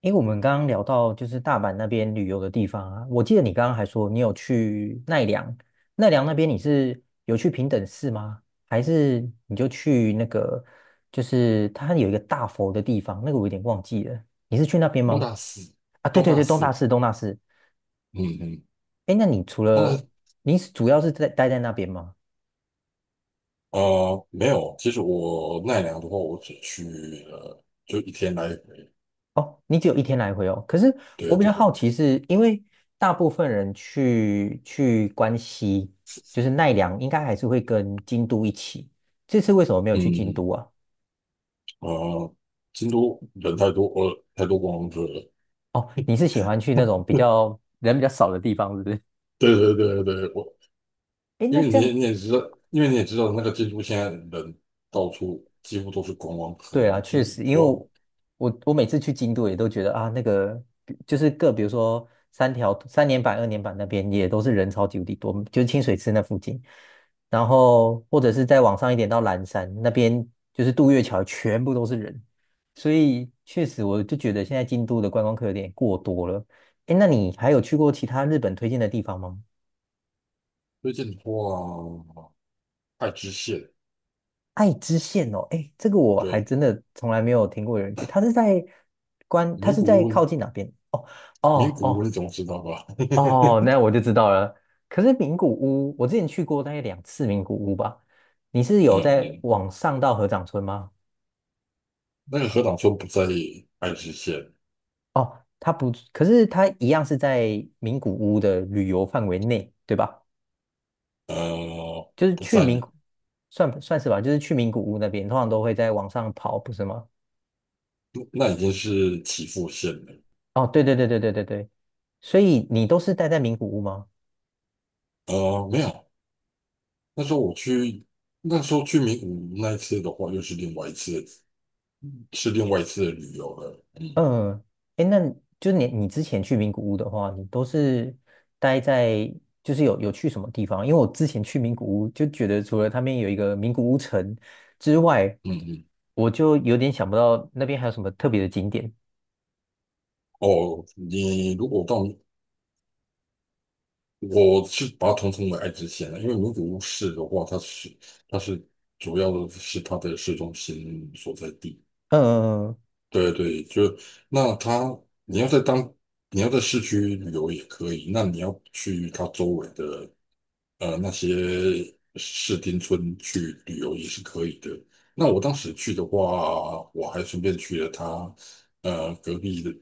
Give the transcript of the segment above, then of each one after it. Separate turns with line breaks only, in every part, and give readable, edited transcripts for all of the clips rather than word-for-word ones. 因为我们刚刚聊到就是大阪那边旅游的地方啊，我记得你刚刚还说你有去奈良，奈良那边你是有去平等寺吗？还是你就去那个就是它有一个大佛的地方，那个我有点忘记了，你是去那边
东
吗？
大寺，
啊，对
东
对
大
对，东大
寺。
寺东大寺。
嗯嗯。
诶，那你除
东大，
了你是主要是在待在那边吗？
没有，其实我奈良的话，我只去了就一天来回。
哦，你只有一天来回哦。可是我
对
比较
对。
好奇是，因为大部分人去关西，就是奈良，应该还是会跟京都一起。这次为什么没有
嗯，
去京
嗯，
都啊？
呃，京都人太多，太多观光客了。
哦，你是喜欢去那种比较人比较少的地方，是不是？
对对对对。我
诶，
因
那
为
这
你
样
你也知道，因为你也知道那个京都现在人到处几乎都是观光客，
对
你
啊，
几
确
乎
实，因为
说
我每次去京都也都觉得啊，那个比就是各，比如说三条三年坂、二年坂那边也都是人超级无敌多，就是清水寺那附近，然后或者是再往上一点到岚山那边，就是渡月桥全部都是人，所以确实我就觉得现在京都的观光客有点过多了。哎，那你还有去过其他日本推荐的地方吗？
推荐的话，爱知县。
爱知县哦，哎，这个我还
对。
真的从来没有听过有人去。他
名
是
古
在
屋。
靠近哪边？哦哦
名古屋
哦
你总知道吧？
哦，那我 就知道了。可是名古屋，我之前去过大概2次名古屋吧。你是有在
嗯
往上到合掌村吗？
那个河岛村不在爱知县。
哦，它不，可是它一样是在名古屋的旅游范围内，对吧？就是
不
去
在，
名古，算是吧，就是去名古屋那边，通常都会在往上跑，不是吗？
那已经是岐阜县了。
哦，对对对对对对对，所以你都是待在名古屋吗？
没有。那时候我去，那时候去名古屋那一次的话，又是另外一次，是另外一次的旅游了。嗯
嗯，哎，那就是你之前去名古屋的话，你都是待在就是有去什么地方？因为我之前去名古屋就觉得，除了他们有一个名古屋城之外，
嗯嗯，
我就有点想不到那边还有什么特别的景点。
哦，你如果到，我是把它统称为爱知县了，因为名古屋市的话，它是主要的是它的市中心所在地。
嗯，嗯嗯
对对。就那它，你要在当你要在市区旅游也可以，那你要去它周围的那些市町村去旅游也是可以的。那我当时去的话，我还顺便去了它呃隔壁的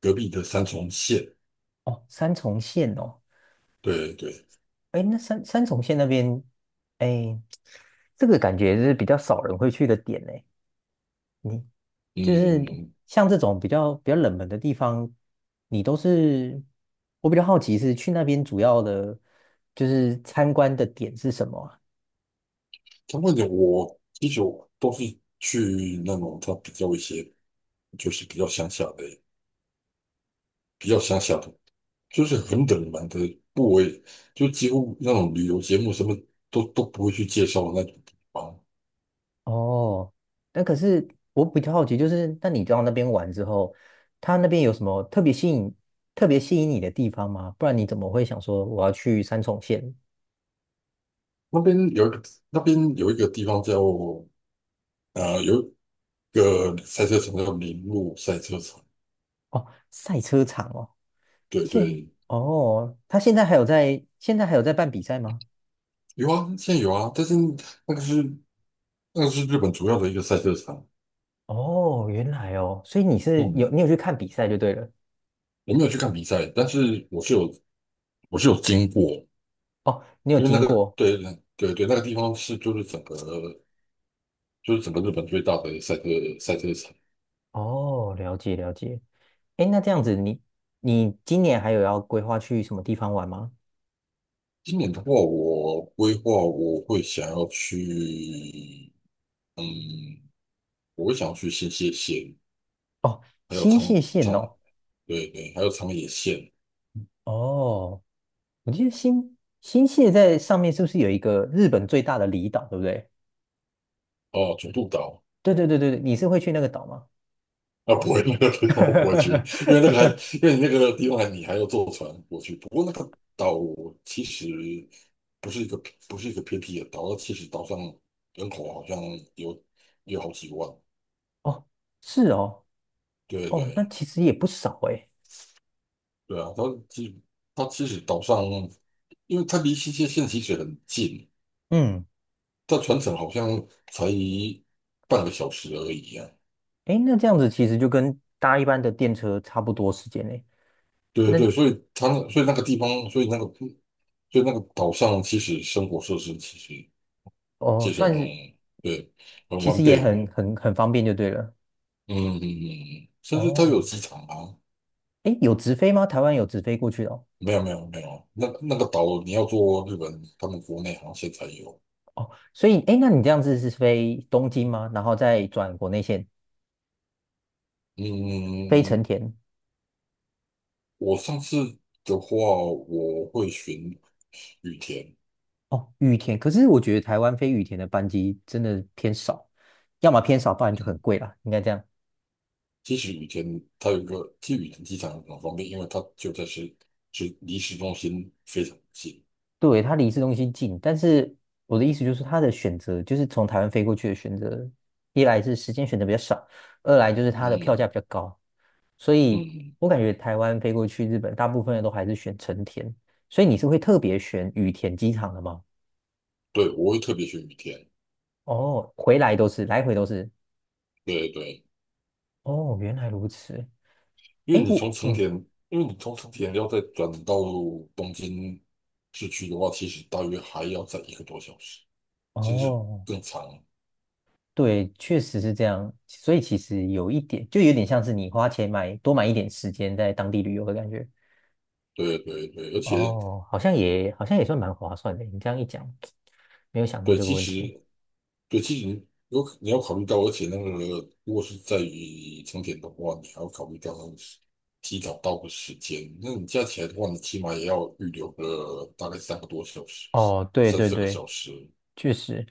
隔壁的三重县。
哦，三重县哦，
对对。
哎，那三重县那边，哎，这个感觉是比较少人会去的点呢。你就是
嗯。
像这种比较冷门的地方，你都是我比较好奇是去那边主要的，就是参观的点是什么啊？
相关点我其实都是去那种它比较一些就是比较乡下的。就是很冷门的部位，就几乎那种旅游节目什么都不会去介绍那种地方。
哦，那可是我比较好奇，就是那你到那边玩之后，他那边有什么特别吸引特别吸引你的地方吗？不然你怎么会想说我要去三重县？
那边有一个那边有一个地方有一个赛车场叫铃鹿赛车场。
哦，赛车场哦，
对
现
对。
哦，他现在还有在办比赛吗？
有啊，现在有啊，但是那个是那个是日本主要的一个赛车场。
哦，原来哦，所以
嗯，
你有去看比赛就对了。
我没有去看比赛，但是我是有经过。
哦，你有
因为那
经
个
过
对对对。那个地方是就是整个日本最大的赛车场。
哦，了解了解。哎，那这样子你今年还有要规划去什么地方玩吗？
今年的话，我规划嗯，我会想要去新泻县，
哦，
还有
新
长
泻县
长，
哦，
对对，还有长野县。
哦，我记得新泻在上面是不是有一个日本最大的离岛，对不对？
哦，九渡岛。
对对对对对，你是会去那个岛吗？
啊，不会，那个地方我不会去，因为那个还，因为你那个地方还你还要坐船过去。不过那个岛其实不是一个不是一个偏僻的岛，其实岛上人口好像有有好几万。
哦，是哦，
对
哦，那
对。
其实也不少哎。
对啊，其它其实岛上，因为它离新泻县其实很近，
嗯，
它船程好像才半个小时而已啊。
哎，那这样子其实就跟搭一般的电车差不多时间嘞。
对对
那
对，所以它那所以那个地方，所以那个所以那个岛上其实生活设施其实
哦，
就是那
算
种
是
对很
其
完
实也
备。
很方便就对了。
嗯，甚至它
哦，
有机场啊。
哎，有直飞吗？台湾有直飞过去的哦。
没有没有没有，那个岛你要坐日本他们国内航线才有。
哦，所以哎，诶那你这样子是飞东京吗？然后再转国内线
嗯。
飞成田？
我上次的话，我会选羽田。
哦，羽田，可是我觉得台湾飞羽田的班机真的偏少，要么偏少，不然就很
嗯
贵啦，应该这样。
其实羽田它有一个，其实羽田机场很方便，因为它就在市，是离市中心非常近。
对，它离市中心近，但是我的意思就是它的选择，就是从台湾飞过去的选择，一来是时间选择比较少，二来就是它的票价
嗯
比较高。所以
嗯，
我感觉台湾飞过去日本，大部分人都还是选成田，所以你是会特别选羽田机场的吗？
对，我会特别选羽田。
哦，回来都是，来回都是。
对对。
哦，原来如此。
因为
诶，
你从成
嗯，
田，因为你从成田要再转到东京市区的话，其实大约还要再一个多小时，甚至
哦，
更长。
对，确实是这样。所以其实有一点，就有点像是你花钱买多买一点时间在当地旅游的感觉。
对对对，而且
哦，好像也算蛮划算的。你这样一讲，没有想过
对，
这个
其
问题。
实对，其实你有可你要考虑到，而且那个如果是在于成田的话，你还要考虑到那个时提早到的时间。那你加起来的话，你起码也要预留个大概三个多小时，
哦，对
三
对
四个
对，
小时。
确实，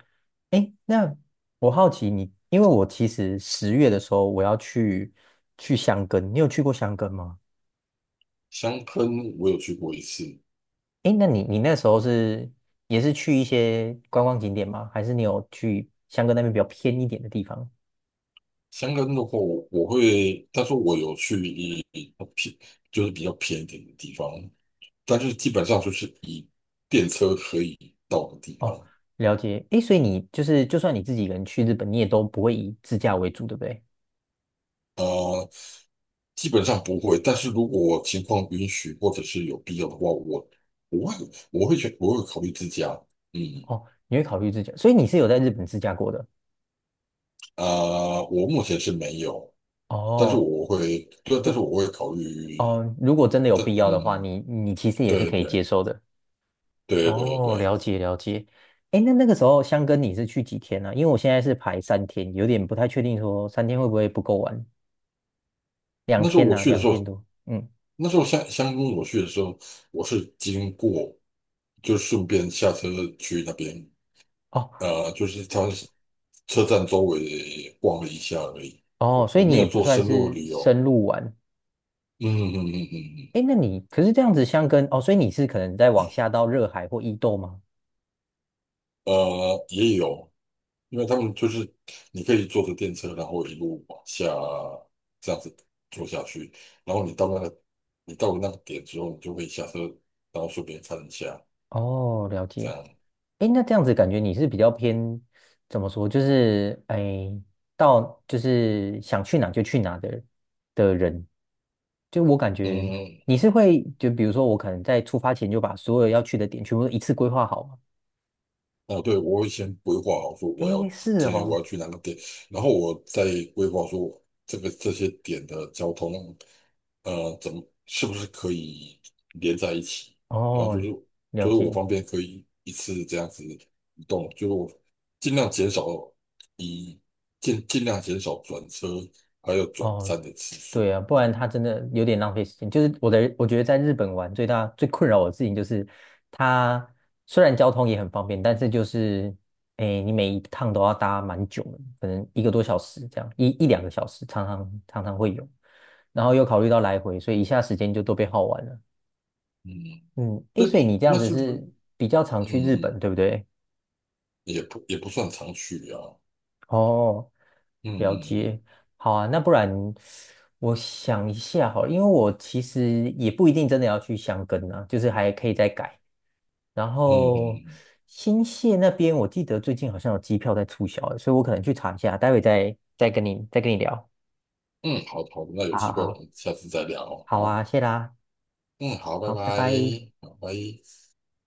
哎，那我好奇你，因为我其实10月的时候我要去箱根，你有去过箱根吗？
香根我有去过一次。
哎，那你那时候也是去一些观光景点吗？还是你有去箱根那边比较偏一点的地方？
香根的话我会，但是我有去偏就是比较偏一点的地方，但是基本上就是以电车可以到的地
哦，
方。
了解。哎，所以你就算你自己一个人去日本，你也都不会以自驾为主，对不对？
呃基本上不会，但是如果我情况允许或者是有必要的话，我会考虑自驾。嗯。
哦，你会考虑自驾，所以你是有在日本自驾过的。
啊、我目前是没有，但是
哦，
我会。对，但是
就
我会考虑。
哦，如果真的有
但
必要的话，
嗯，
你其实也是
对
可以接
对
受的。
对对
哦，了
对，
解了解。哎，那个时候香根你是去几天呢、因为我现在是排三天，有点不太确定说三天会不会不够玩。两
那时候
天
我
呢、
去的
两
时
天
候，
多。嗯，
那时候香港我去的时候，我是经过，就顺便下车去那边，
哦
就是他车站周围逛了一下而已。
哦，
我
所以
我
你
没
也
有
不
做
算
深入的
是
旅游。
深入玩。
嗯嗯嗯嗯嗯，嗯
哎，那你可是这样子香根哦，所以你是可能在往下到热海或伊豆吗？
也有，因为他们就是你可以坐着电车，然后一路往下这样子坐下去，然后你到了那个点之后，你就可以下车，然后顺便看一下
哦，了
这
解。
样。
诶，那这样子感觉你是比较偏怎么说？就是诶，到就是想去哪就去哪的人。就我感觉
嗯，
你是会，就比如说我可能在出发前就把所有要去的点全部都一次规划好吗？
哦，对，我会先规划好说
诶，是
今天我要
哦，
去哪个点，然后我再规划说这些点的交通。是不是可以连在一起？然后就
哦，
是就
了
是我
解。
方便可以一次这样子移动，就是我尽量减少以尽量减少转车还有转
哦，
站的次
对
数。
啊，不然他真的有点浪费时间。我觉得在日本玩最大最困扰我的事情就是，它虽然交通也很方便，但是就是，哎，你每一趟都要搭蛮久的，可能1个多小时这样，一两个小时，常常会有。然后又考虑到来回，所以一下时间就都被耗完了。
嗯，
嗯，哎，所以
对。
你这样
那
子
是不是
是比较常去日本，
嗯
对不对？
也不算常去啊。
哦，
嗯
了解，
嗯
好啊，那不然我想一下好了因为我其实也不一定真的要去箱根啊，就是还可以再改。然
嗯嗯
后
嗯
新泻那边，我记得最近好像有机票在促销欸所以我可能去查一下，待会再跟你聊。
嗯，好好的，那有
好好
机会我
好，
们下次再聊。
好
好。
啊，谢啦，
嗯，好，拜
好，拜
拜。
拜。
好，拜。